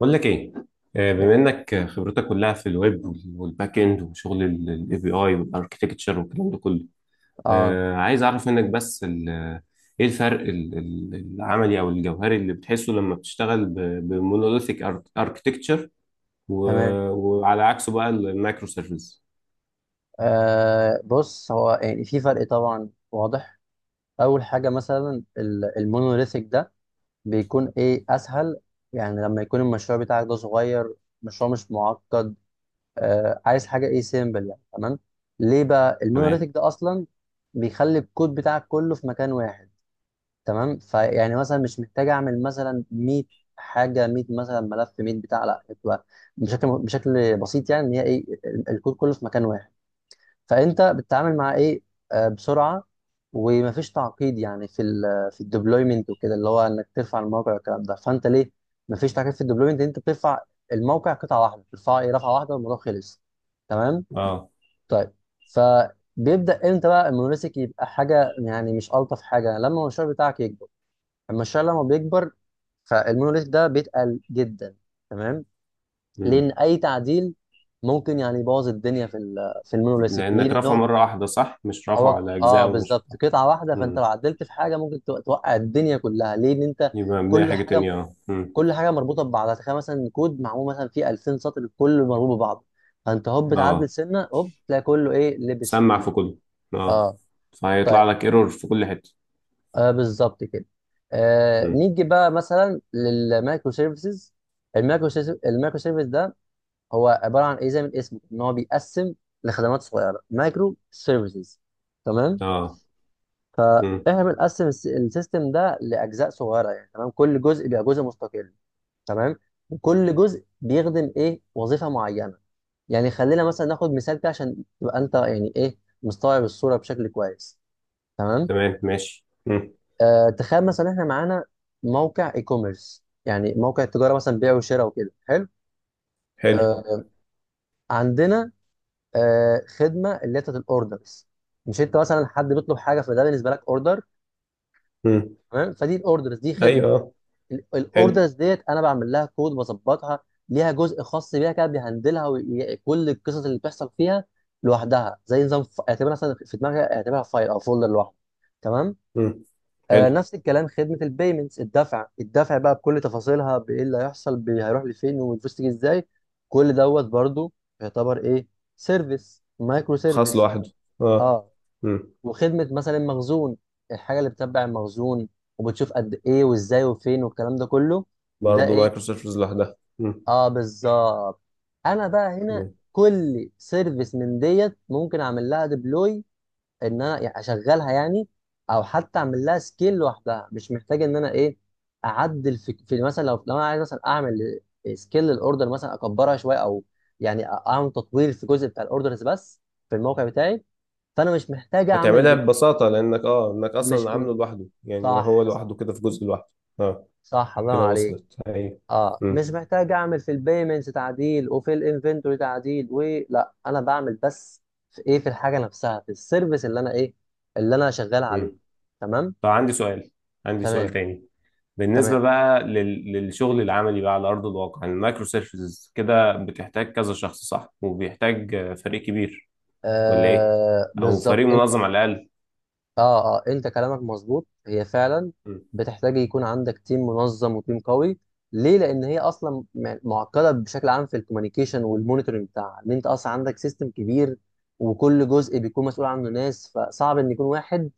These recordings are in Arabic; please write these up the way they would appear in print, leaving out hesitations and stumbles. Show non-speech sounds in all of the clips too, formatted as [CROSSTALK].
بقول لك ايه. بما ايه. انك خبرتك كلها في الويب وال- والباك اند وشغل الاي بي اي والاركتكتشر والكلام ده كله. اه. عايز اعرف منك بس ايه الفرق العملي او الجوهري اللي بتحسه لما بتشتغل بمونوليثيك اركتكتشر، تمام. وعلى عكسه بقى المايكرو سيرفيس. بص، هو يعني في فرق طبعا واضح. اول حاجه مثلا المونوليثيك ده بيكون ايه؟ اسهل. يعني لما يكون المشروع بتاعك ده صغير، مشروع مش معقد، عايز حاجه ايه؟ سيمبل يعني. تمام. ليه بقى تمام، المونوليثيك ده اصلا؟ بيخلي الكود بتاعك كله في مكان واحد. تمام، فيعني مثلا مش محتاج اعمل مثلا 100 حاجه، 100 مثلا ملف، 100 بتاع، لا بتبقى بشكل بسيط، يعني ان هي ايه؟ الكود كله في مكان واحد. فانت بتتعامل مع ايه؟ بسرعه ومفيش تعقيد، يعني في الديبلويمنت وكده، اللي هو انك ترفع الموقع والكلام ده، فانت ليه مفيش تعقيد في الديبلويمنت؟ انت بترفع الموقع قطعه واحده، بترفعه ايه؟ رفعه واحده والموضوع خلص. تمام. اه. طيب، فبيبدا امتى بقى المونوليثيك يبقى حاجه يعني مش الطف حاجه؟ لما المشروع بتاعك يكبر. المشروع لما بيكبر فالمونوليث ده بيتقل جدا. تمام. لان مم. اي تعديل ممكن يعني يبوظ الدنيا في المونوليثيك. ليه؟ لانك لان رافعه هو مره واحده، صح؟ مش رافعه على اجزاء. ومش بالظبط قطعه واحده، فانت لو امم عدلت في حاجه ممكن توقع الدنيا كلها. ليه؟ ان انت يبقى مبنيه كل حاجه حاجه، تانية. اه مم. مربوطه ببعضها. تخيل مثلا كود معمول مثلا فيه 2000 سطر كله مربوط ببعضه، فانت هوب تعدل اه، سنه هوب تلاقي كله ايه؟ لبس في سمع ال... في كله. اه، اه. فهيطلع طيب، لك ايرور في كل حته. بالظبط كده. مم. نيجي بقى مثلا للمايكرو سيرفيسز. المايكرو سيرفيس ده هو عباره عن ايه؟ زي من اسمه ان هو بيقسم لخدمات صغيره، مايكرو سيرفيسز. تمام، اه مم. فاحنا بنقسم السيستم ده لاجزاء صغيره يعني. تمام، كل جزء بيبقى جزء مستقل. تمام، وكل جزء بيخدم ايه؟ وظيفه معينه. يعني خلينا مثلا ناخد مثال كده عشان تبقى انت يعني ايه؟ مستوعب الصوره بشكل كويس. تمام. تمام، ماشي. مم. تخيل مثلا احنا معانا موقع اي كوميرس، يعني موقع تجاره مثلا، بيع وشراء وكده. حلو. حلو. آه. عندنا خدمه اللي هي بتاعت الاوردرز. مش انت مثلا حد بيطلب حاجه، فده بالنسبه لك اوردر. مم. تمام. فدي الاوردرز دي خدمه. ايوه آه. حلو. الاوردرز ديت انا بعمل لها كود، بظبطها، ليها جزء خاص بيها كده بيهندلها وكل القصص اللي بتحصل فيها لوحدها، زي نظام. اعتبرها مثلا في دماغي، اعتبرها فايل او فولدر لوحده. تمام. مم. حلو، نفس الكلام خدمه البيمنتس، الدفع. الدفع بقى بكل تفاصيلها، بايه اللي هيحصل، هيروح لفين، والفلوس تيجي ازاي. كل دوت برضو يعتبر ايه؟ سيرفيس، مايكرو خاص سيرفيس. لوحده. اه اه. مم. وخدمه مثلا المخزون، الحاجه اللي بتتبع المخزون وبتشوف قد ايه وازاي وفين والكلام ده كله. ده برضه ايه؟ مايكرو سيرفيس لوحدها. مم. اه، بالظبط. انا بقى هنا مم. كل سيرفيس من ديت ممكن اعمل لها ديبلوي، ان انا يعني اشغلها يعني، او حتى اعمل لها سكيل لوحدها. مش محتاج ان انا ايه؟ اعدل في مثلا، لو انا عايز مثلا اعمل سكيل للاوردر مثلا، اكبرها شويه، او يعني اعمل تطوير في جزء بتاع الاوردرز بس في الموقع بتاعي. فانا مش محتاج هتعملها اعمل. ببساطه لانك اه، انك اصلا مش عامله م- لوحده، يعني هو صح، لوحده صح. كده في جزء لوحده. اه، صح الله كده عليك. وصلت. ايوه. اه، مش مم. محتاج اعمل في البيمنتس تعديل وفي الانفنتوري تعديل، ولا انا بعمل بس في ايه؟ في الحاجه نفسها، في السيرفيس اللي انا ايه؟ اللي انا شغال عليه. مم. تمام. طب عندي سؤال، عندي سؤال تمام. تاني. بالنسبة تمام، بقى للشغل العملي بقى على أرض الواقع، يعني المايكرو سيرفيسز كده بتحتاج كذا شخص، صح؟ وبيحتاج فريق كبير ولا إيه؟ أو بالظبط. فريق انت منظم على الأقل. اه، انت كلامك مظبوط، هي فعلا م- بتحتاج يكون عندك تيم منظم وتيم قوي. ليه؟ لان هي اصلا معقده بشكل عام في الكوميونيكيشن والمونيتورنج بتاعها. ان انت اصلا عندك سيستم كبير، وكل جزء بيكون مسؤول عنه ناس، فصعب ان يكون واحد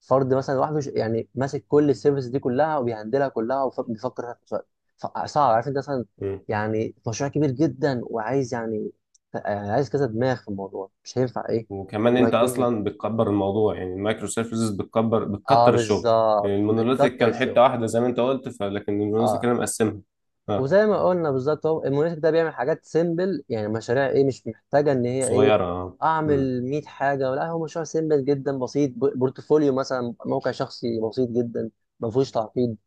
فرد مثلا لوحده يعني ماسك كل السيرفيس دي كلها وبيهندلها كلها وبيفكر فيها في نفس الوقت. صعب. عارف انت، مثلا م. يعني مشروع كبير جدا وعايز يعني عايز كذا دماغ في الموضوع، مش هينفع ايه؟ وكمان انه أنت يكون... أصلا بتكبر الموضوع، يعني المايكرو سيرفيسز بتكبر، اه بتكتر الشغل. بالظبط، المونوليثيك بتكتر كان حتة الشغل. واحدة زي ما أنت قلت، فلكن المونوليثيك اه، أنا مقسمها. أه وزي ما قلنا بالظبط، هو المونيتك ده بيعمل حاجات سيمبل، يعني مشاريع ايه؟ مش محتاجه ان هي ايه؟ صغيرة، أه. م- اعمل 100 حاجه، ولا هو مشروع سيمبل جدا بسيط، بورتفوليو مثلا، موقع شخصي بسيط جدا ما فيهوش تعقيد.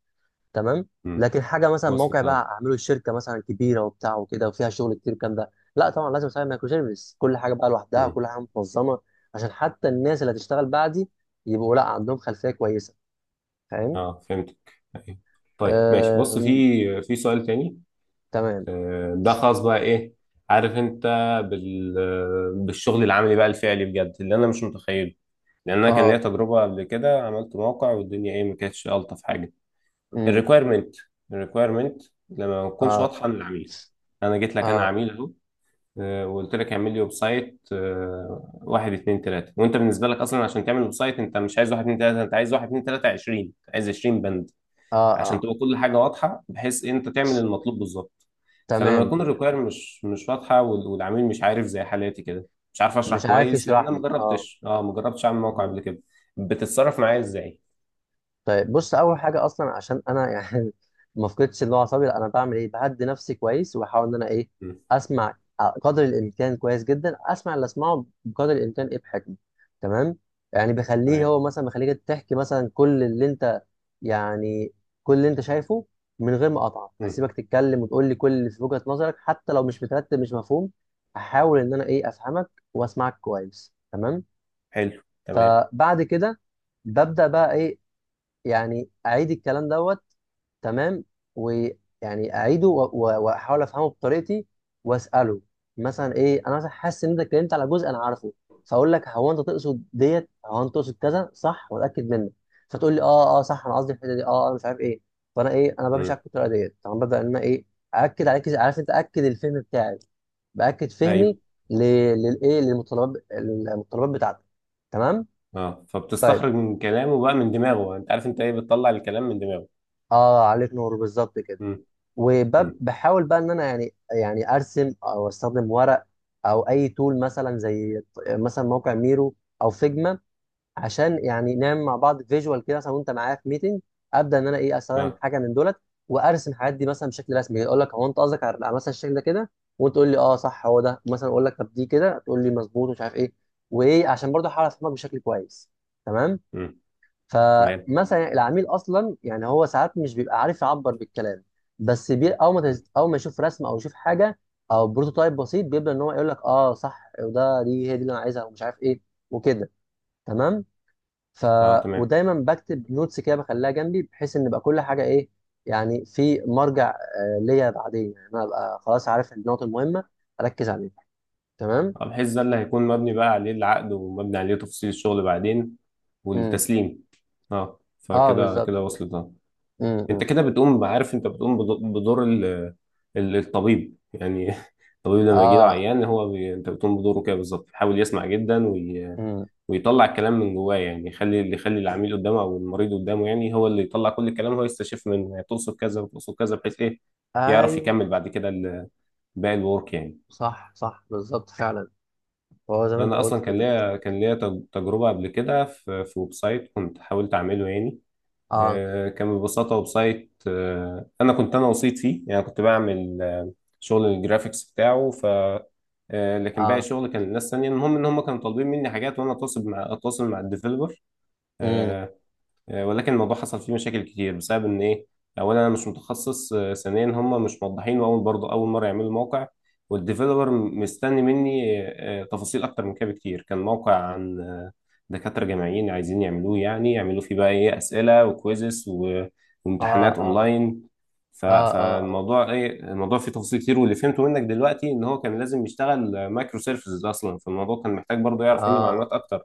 تمام. م. لكن حاجه مثلا موقع وصلت أه. بقى اعمله الشركه مثلا كبيره وبتاع وكده وفيها شغل كتير، الكلام ده لا طبعا لازم اسوي مايكرو سيرفيس، كل حاجه بقى لوحدها، م. كل حاجه منظمه، عشان حتى الناس اللي هتشتغل بعدي يبقوا لا عندهم خلفيه كويسه. فاهم؟ أه فهمتك. أيوة. طيب ماشي، آه... بص، مم، في سؤال تاني تمام. ده خاص بقى ايه، عارف انت، بال... بالشغل العملي بقى الفعلي بجد اللي انا مش متخيله. لان انا كان ليا اه. تجربه قبل كده، عملت موقع والدنيا ايه، ما كانتش الطف حاجه. امم. الريكويرمنت الريكويرمنت لما ما تكونش اه واضحه للعميل. انا جيت لك انا اه عميل اهو. وقلت لك اعمل لي ويب سايت، واحد اتنين تلاته، وانت بالنسبه لك اصلا عشان تعمل ويب سايت انت مش عايز واحد اتنين تلاته، انت عايز واحد اتنين تلاته 20، عايز 20 بند اه عشان اه تبقى كل حاجه واضحه، بحيث إيه، انت تعمل المطلوب بالظبط. فلما تمام. يكون تمام. الريكوير مش واضحه وال- والعميل مش عارف زي حالاتي كده، مش عارف اشرح مش عارف كويس لان يشرح انا ما لي. اه. جربتش، اه، ما جربتش اعمل موقع قبل كده، بتتصرف معايا ازاي؟ طيب بص، اول حاجه اصلا عشان انا [LAUGHS] يعني ما افقدش اللي هو اعصابي لا، انا بعمل ايه؟ بهدي نفسي كويس، واحاول ان انا ايه؟ مم. اسمع قدر الامكان كويس جدا. اسمع اللي اسمعه بقدر الامكان ايه؟ بحكمه. تمام. يعني بخليه تمام. هو مثلا، بخليك تحكي مثلا كل اللي انت يعني كل اللي انت شايفه، من غير ما اقطعك مم. هسيبك تتكلم وتقول لي كل اللي في وجهه نظرك، حتى لو مش مترتب مش مفهوم. هحاول ان انا ايه؟ افهمك واسمعك كويس. تمام. حلو تمام. فبعد كده ببدا بقى ايه؟ يعني اعيد الكلام دوت. تمام، ويعني اعيده واحاول افهمه بطريقتي، واساله مثلا ايه؟ انا مثلا حاسس ان انت اتكلمت على جزء انا عارفه، فاقول لك هو انت تقصد ديت، هو انت تقصد كذا صح، واتاكد منك. فتقول لي اه صح، انا قصدي الحته دي، اه انا مش عارف ايه. فانا ايه؟ انا بمشي مم. على الطريقه ديت طبعا. ببدا ان انا ايه؟ اكد عليك. عارف انت، اكد الفهم بتاعي، باكد فهمي ايوه. ل- للايه؟ للمتطلبات، المتطلبات بتاعتك. تمام. اه، طيب. فبتستخرج من كلامه بقى، من دماغه، انت عارف انت ايه، بتطلع الكلام من دماغه. اه، عليك نور بالظبط كده. مم. مم. وبحاول بقى ان انا يعني ارسم او استخدم ورق، او اي تول مثلا زي مثلا موقع ميرو او فيجما، عشان يعني نعمل مع بعض فيجوال كده مثلا، وانت معايا في ميتنج. ابدا ان انا ايه؟ استخدم اه حاجه من دولت، وارسم الحاجات دي مثلا بشكل رسمي، اقول لك هو انت قصدك على على مثلا الشكل ده كده؟ وانت تقول لي اه صح، هو ده مثلا. اقول لك طب دي كده، تقول لي مظبوط ومش عارف ايه، وايه، عشان برضه احاول افهمك بشكل كويس. تمام. مم. تمام. فمثلا العميل اصلا، يعني هو ساعات مش بيبقى عارف يعبر بالكلام، بس بي او ما مم. تز... او ما يشوف رسمه او يشوف حاجه او بروتوتايب بسيط، بيبدا ان هو يقول لك اه صح، دي هي دي اللي انا عايزها، ومش عارف ايه وكده. تمام. ف، اه تمام، ودايما بكتب نوتس كده بخليها جنبي، بحيث ان يبقى كل حاجه ايه؟ يعني في مرجع ليا بعدين، يعني انا ابقى خلاص عارف النقط المهمه، اركز عليها. تمام. بحيث ده اللي هيكون مبني بقى عليه العقد ومبني عليه تفصيل الشغل بعدين امم. والتسليم. اه اه، فكده بالظبط. كده وصلت اه. انت امم. كده بتقوم، عارف انت بتقوم بدور الطبيب، يعني [LAUGHS] الطبيب لما يجي له اه. عيان هو بي... انت بتقوم بدوره كده بالظبط، يحاول يسمع جدا وي... امم. ويطلع الكلام من جواه، يعني يخلي اللي يخلي العميل قدامه او المريض قدامه يعني هو اللي يطلع كل الكلام، هو يستشف من تقصد كذا وتقصد كذا بحيث ايه يعرف ايوه. يكمل بعد كده باقي الورك يعني. صح، صح، بالظبط فعلا. هو زي ما انت انا اصلا قلت كده. كان ليا تجربه قبل كده في ويب سايت، كنت حاولت اعمله يعني. اه. كان ببساطه ويب سايت، انا كنت انا وسيط فيه يعني، كنت بعمل شغل الجرافيكس بتاعه. ف لكن باقي اه. الشغل كان للناس تانية. المهم ان هم كانوا طالبين مني حاجات، وانا اتواصل مع الديفلوبر. امم. ولكن الموضوع حصل فيه مشاكل كتير بسبب ان ايه، اولا انا مش متخصص، ثانيا هم مش موضحين، واول برضه اول مره يعملوا موقع، والديفيلوبر مستني مني تفاصيل اكتر من كده بكتير. كان موقع عن دكاتره جامعيين عايزين يعملوه، يعني يعملوا فيه بقى ايه اسئله وكويزز و- اه وامتحانات اه اونلاين. ف- اه اه اه فالموضوع ايه، الموضوع فيه تفاصيل كتير، واللي فهمته منك دلوقتي ان هو كان لازم يشتغل مايكرو سيرفيسز اصلا. فالموضوع كان محتاج برضه يعرف مني معلومات اه اكتر،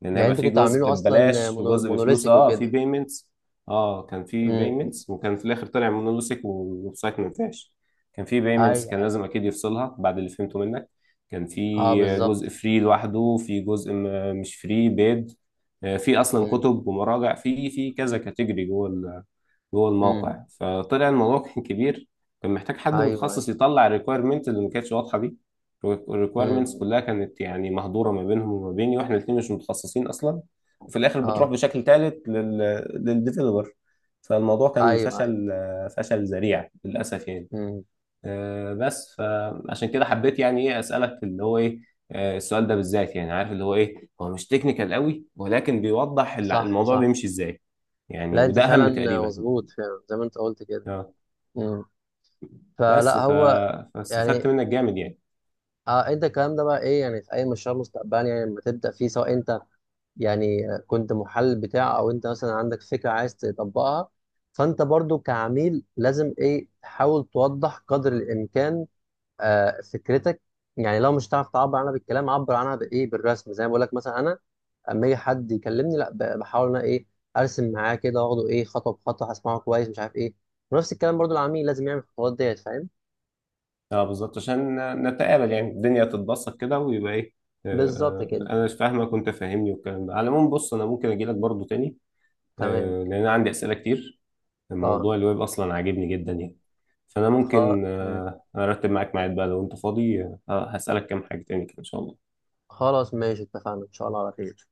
لان يعني هيبقى انتوا في كنتوا جزء عاملينه اصلا ببلاش وجزء بفلوس، مونوليثيك اه في وكده. بيمنتس. اه كان في امم. بيمنتس، وكان في الاخر طلع مونولوسيك والويب سايت ما ينفعش. كان في بيمنتس، ايوه، كان ايوه. لازم اكيد يفصلها بعد اللي فهمته منك. كان اه في جزء بالظبط. فري لوحده، في جزء مش فري بيد. في اصلا امم. كتب ومراجع في كذا كاتيجوري جوه، جوه امم. الموقع. فطلع الموضوع كان كبير، كان محتاج حد ايوه، ايوه. متخصص يطلع الريكويرمنت اللي ما كانتش واضحه دي. الريكويرمنتس امم. كلها كانت يعني مهدوره ما بينهم وما بيني، واحنا الاثنين مش متخصصين اصلا. وفي الاخر بتروح اه. بشكل ثالث لل للديفلوبر. فالموضوع كان ايوه، ايوه. فشل، فشل ذريع للاسف يعني. امم. بس فعشان كده حبيت يعني ايه اسالك اللي هو ايه، السؤال ده بالذات، يعني عارف اللي هو ايه، هو مش تكنيكال قوي ولكن بيوضح الع- صح، الموضوع صح. بيمشي ازاي يعني، لا انت وده اهم فعلا تقريبا. مظبوط فعلا زي ما انت قلت كده. اه امم. بس فلا ف... هو فاستفدت يعني. منك جامد يعني. اه، انت الكلام ده بقى ايه؟ يعني في اي مشروع مستقبلي، يعني لما تبدا فيه، سواء انت يعني كنت محل بتاع، او انت مثلا عندك فكره عايز تطبقها، فانت برضو كعميل لازم ايه؟ تحاول توضح قدر الامكان فكرتك. يعني لو مش هتعرف تعبر عنها بالكلام، عبر عنها بايه؟ بالرسم. زي ما بقول لك مثلا انا، اما يجي حد يكلمني لا، بحاول انا ايه؟ ارسم معاه كده، واخده ايه؟ خطوه بخطوه، هسمعه كويس مش عارف ايه. ونفس الكلام برضو العميل لازم يعمل الخطوات ديت. فاهم؟ اه بالظبط، عشان نتقابل يعني، الدنيا تتبسط كده ويبقى ايه، آه، بالظبط كده. انا مش فاهمك وانت فاهمني والكلام ده. على العموم بص، انا ممكن اجي لك برضه تاني، تمام. لان انا عندي اسئله كتير، اه. موضوع الويب اصلا عاجبني جدا يعني. فانا خ... ممكن م. ارتب معاك ميعاد بقى لو انت فاضي، هسالك كام حاجه تاني كده ان شاء الله. خلاص ماشي، اتفقنا، ان شاء الله على خير.